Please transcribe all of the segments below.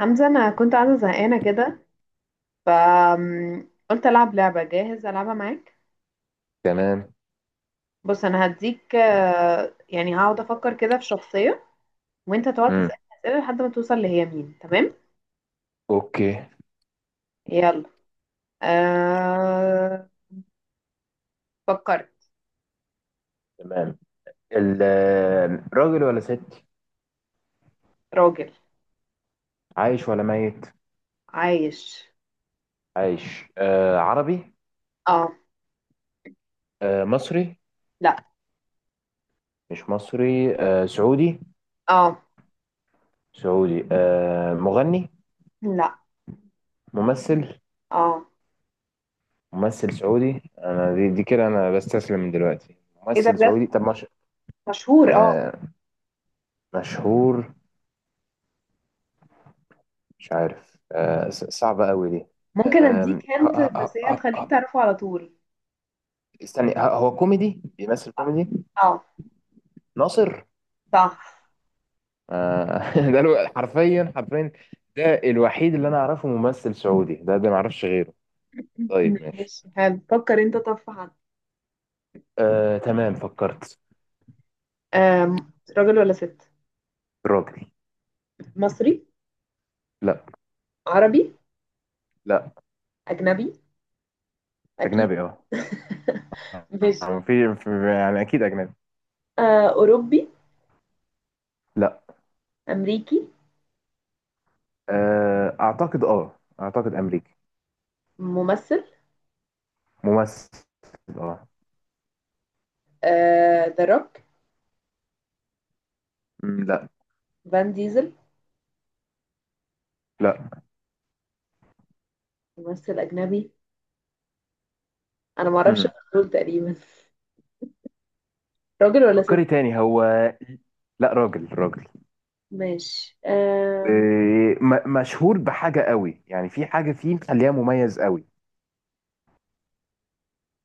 حمزة، أنا كنت قاعدة زهقانة كده. فقلت ألعب لعبة. جاهز ألعبها معاك؟ تمام. بص أنا هديك. يعني هقعد أفكر كده في شخصية وأنت تقعد امم تسأل أسئلة لحد ما توصل لهي مين. تمام؟ اوكي. يلا. أه... فكرت. تمام. ال- راجل ولا ست؟ راجل. عايش ولا ميت؟ عايش. عايش، آه. عربي؟ اه. آه، مصري؟ لا. مش مصري، آه سعودي. اه. سعودي، آه مغني؟ لا. ممثل. اه. ممثل سعودي. انا دي كده انا بستسلم من دلوقتي. ايه ده ممثل بجد؟ سعودي، طب مش مشهور، اه. آه مشهور؟ مش عارف، آه صعبة قوي دي. ممكن آم، اديك ه- هنت بس ه- هي ه- هتخليك ه- تعرفه على طول. استني، هو كوميدي؟ بيمثل كوميدي. اه. ناصر. صح. ده حرفيا، ده الوحيد اللي انا اعرفه ممثل سعودي، ده ما اعرفش غيره. طيب ماشي. ماشي حلو. فكر انت. طب في حد؟ آه تمام، فكرت. آم، راجل ولا ست؟ راجل. مصري؟ لا. عربي؟ لا. أجنبي أكيد. اجنبي، اه. ماشي. يعني يعني اكيد اجنبي. أوروبي؟ لا. أمريكي؟ آه اعتقد، امريكي. ممثل؟ ممثل. اه. ذا روك؟ لا. فان ديزل؟ لا. ممثل أجنبي، أنا معرفش مم. غير دول تقريبا. راجل ولا ست؟ فكري تاني هو. لا راجل، راجل. ماشي. مشهور بحاجة قوي، يعني في حاجة فيه مخليها مميز قوي.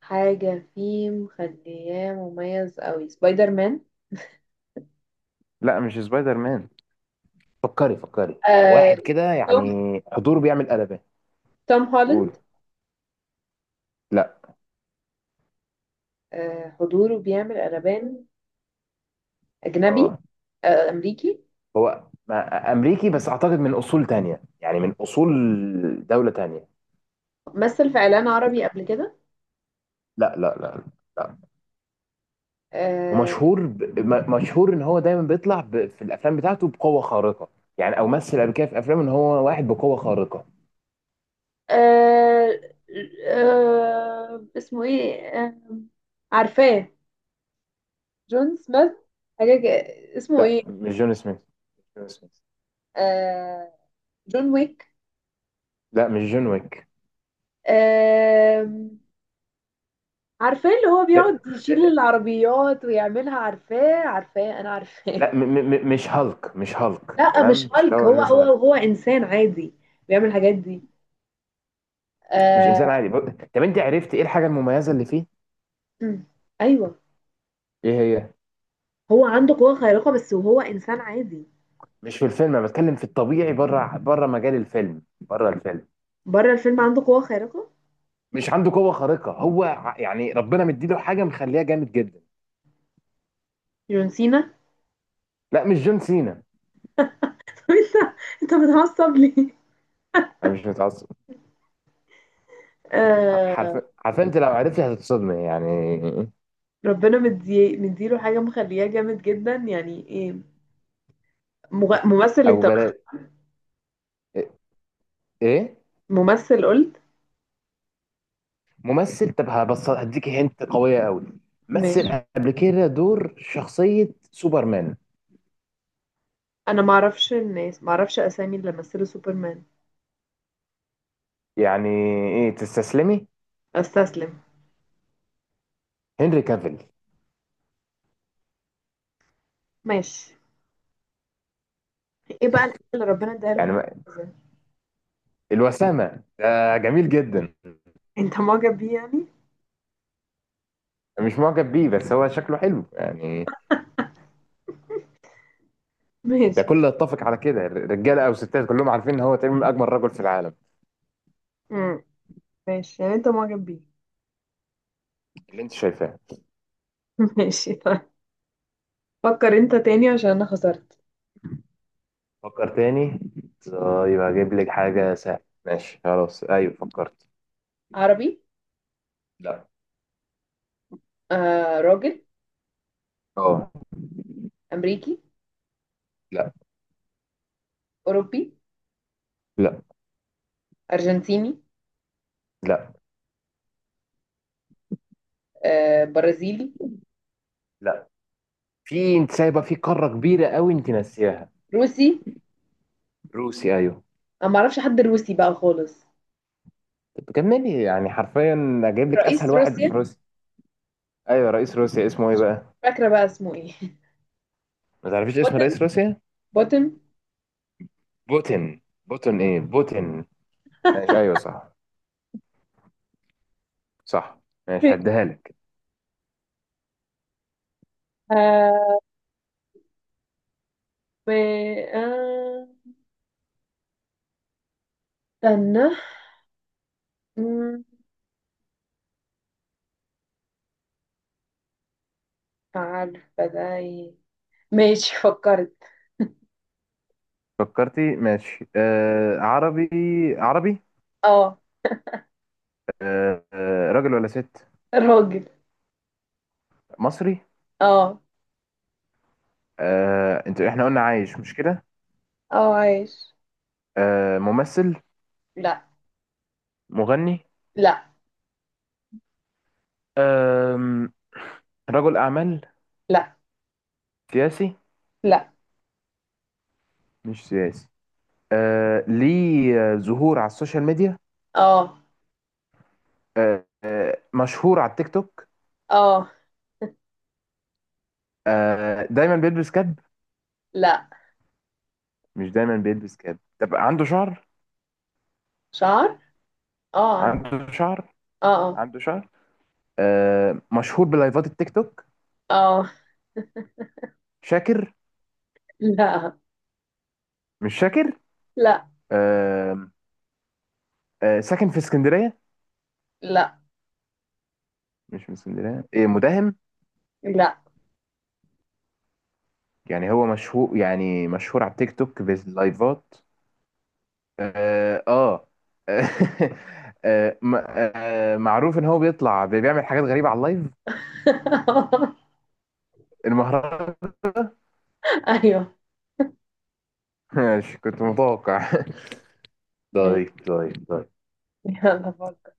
حاجة فيه مخلياه مميز أوي؟ سبايدر مان؟ لا مش سبايدر مان. فكري آه، واحد كده توم يعني. حضور بيعمل قلبان. توم قول. هولاند؟ لا. حضوره بيعمل قلبان. أجنبي؟ اه. أمريكي؟ هو امريكي بس اعتقد من اصول تانية، يعني من اصول دولة تانية. مثل في إعلان عربي قبل كده؟ لا. لا. آه، ومشهور ب... مشهور ان هو دايما بيطلع ب... في الافلام بتاعته بقوة خارقة. يعني او مثل قبل كده في افلام ان هو واحد بقوة خارقة. آه اسمه ايه؟ عارفاه. جون سميث؟ حاجة كده-. اسمه لا ايه؟ مش جون سميث، مش جون سميث. آه جون ويك؟ لا مش جون ويك. آه عارفاه، اللي هو بيقعد لا, يشيل العربيات ويعملها. عارفاه، عارفاه، انا عارفاه. لا م... م... مش هالك، مش هالك لا مش تمام، مش اللي هالك. هو هو هو مثلا. هو انسان عادي بيعمل الحاجات دي. مش انسان آه. عادي ب... طب انت عرفت ايه الحاجة المميزة اللي فيه؟ مم. ايوه. ايه هي؟ هو عنده قوة خارقة بس، وهو انسان عادي. مش في الفيلم، انا بتكلم في الطبيعي، بره بره مجال الفيلم، بره الفيلم. بره الفيلم عنده قوة خارقة. مش عنده قوه خارقه؟ هو يعني ربنا مديله حاجه مخليها جامد جدا. جون سينا. لا مش جون سينا. طب انت بتعصب ليه؟ انا مش متعصب. آه حرفيا انت لو عرفتي هتتصدمي يعني. ربنا مديله حاجة مخلياه جامد جدا. يعني ايه؟ مغ- ممثل او انت؟ بلا. ايه؟ ممثل قلت. ممثل. طب هبص هديكي هنت قويه قوي. ماشي. مثل قبل كده دور شخصيه سوبرمان. انا معرفش الناس، معرفش اسامي اللي مثلوا سوبرمان. يعني ايه تستسلمي؟ استسلم. هنري كافيل. ماشي. ايه بقى الحاجة اللي ربنا اداها له يعني مميزة؟ الوسامه، ده جميل جدا. انت معجب بيه يعني؟ مش معجب بيه، بس هو شكله حلو يعني. ده ماشي. كله يتفق على كده، رجاله او ستات كلهم عارفين ان هو تقريبا من اجمل رجل في العالم. امم. ماشي، يعني انت معجب بيه؟ اللي انت شايفاه. ماشي، طيب. فكر انت تاني عشان انا خسرت. فكر تاني. طيب هجيب لك حاجه سهله. ماشي خلاص، ايوه فكرت. عربي. لا. آه، راجل. اه. امريكي؟ لا. اوروبي؟ لا. ارجنتيني؟ لا. آه، برازيلي؟ لا. في انت سايبه في قاره كبيره قوي انت ناسياها. روسي؟ روسي، ايوه. انا ما اعرفش حد روسي بقى خالص. طب كملي يعني حرفيا، اجيب لك اسهل رئيس واحد في روسيا. روسيا. ايوه، رئيس روسيا اسمه ايه بقى؟ فاكره بقى اسمه ايه؟ ما تعرفيش اسم بوتن، رئيس روسيا؟ بوتن. بوتين ايه، بوتين. ماشي، ايوه صح. صح. ماشي، هديها لك. آه و آه استنى. مم، عارفه ده ايه؟ ماشي، فكرت. فكرتي ماشي. آه عربي؟ عربي. اه. آه. راجل ولا ست؟ راجل. مصري؟ اه. آه، انت احنا قلنا عايش مش كده؟ اه، عايش. آه، ممثل؟ لا. مغني؟ لا. آه رجل اعمال؟ لا. سياسي؟ لا. مش سياسي. آه ليه ظهور على السوشيال ميديا؟ اه. مشهور على التيك توك؟ اه. آه دايما بيلبس كاب؟ لا. مش دايما بيلبس كاب. طب عنده شعر؟ شعر؟ اه، عندي. عنده شعر؟ اه. اه. عنده شعر. آه مشهور بلايفات التيك توك. اه. شاكر؟ لا. مش فاكر. لا. آم، ساكن في اسكندرية؟ لا. مش من اسكندرية، إيه مداهم؟ لا. يعني هو مشهور، يعني مشهور على التيك توك باللايفات. اه آه. آه، م- معروف ان هو بيطلع بيعمل حاجات غريبة على اللايف. المهرجان. ايوه. ماشي كنت متوقع. ماشي. طيب. يلا فكر.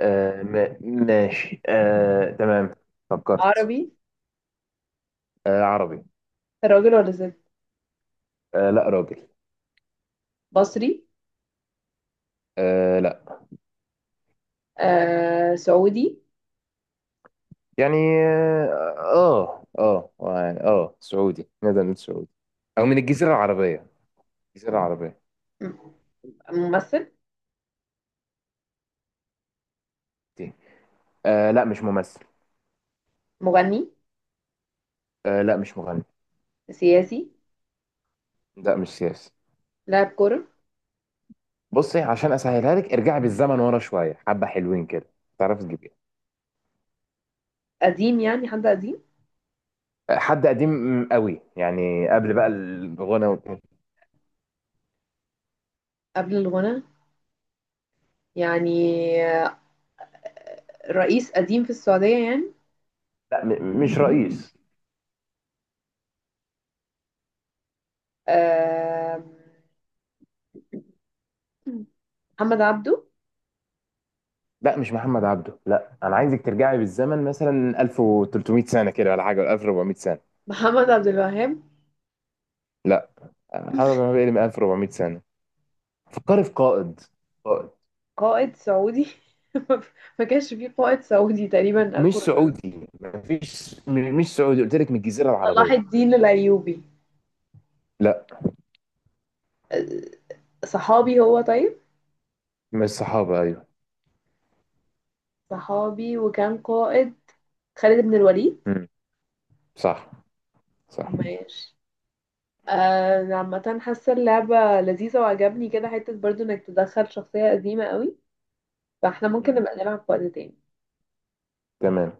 آه ماشي. آه تمام، فكرت. عربي. آه عربي. راجل ولا ست؟ آه لا راجل. مصري؟ آه لا. سعودي؟ يعني. اه آه، يعني اه سعودي نقدر نقول سعودي، او من الجزيره العربيه. الجزيره العربيه م- ممثل؟ دي. آه لا مش ممثل. مغني؟ آه لا مش مغني. سياسي؟ لا مش سياسي. لاعب كرة؟ بصي عشان اسهلها لك، ارجعي بالزمن ورا شويه حبه حلوين كده. تعرف تجيبيه؟ قديم، يعني حد قديم؟ آه، حد قديم قوي يعني، قبل بقى الغنى وكده. قبل الغنى يعني؟ آه، رئيس قديم في السعودية يعني؟ لا مش رئيس. آه محمد عبده؟ لا مش محمد عبده. لا انا عايزك ترجعي بالزمن مثلا 1300 سنه كده، ولا حاجه، ولا 1400 سنه. محمد عبد الوهاب؟ لا. محمد عبده بيقل من 1400 سنه. فكري في قائد. قائد. قائد سعودي. ما كانش فيه قائد سعودي تقريبا مش 1400. سعودي، مفيش، مش سعودي قلت لك، من الجزيرة صلاح العربية. الدين الأيوبي؟ لا. آه، صحابي هو، طيب؟ من الصحابة، أيوه. صحابي وكان قائد. خالد بن الوليد. مم. صح. صح. ماشي. عامة حاسة اللعبة لذيذة وعجبني كده حتة برضو انك تدخل شخصية قديمة قوي، فاحنا ممكن مم. نبقى نلعب في وقت تاني. تمام.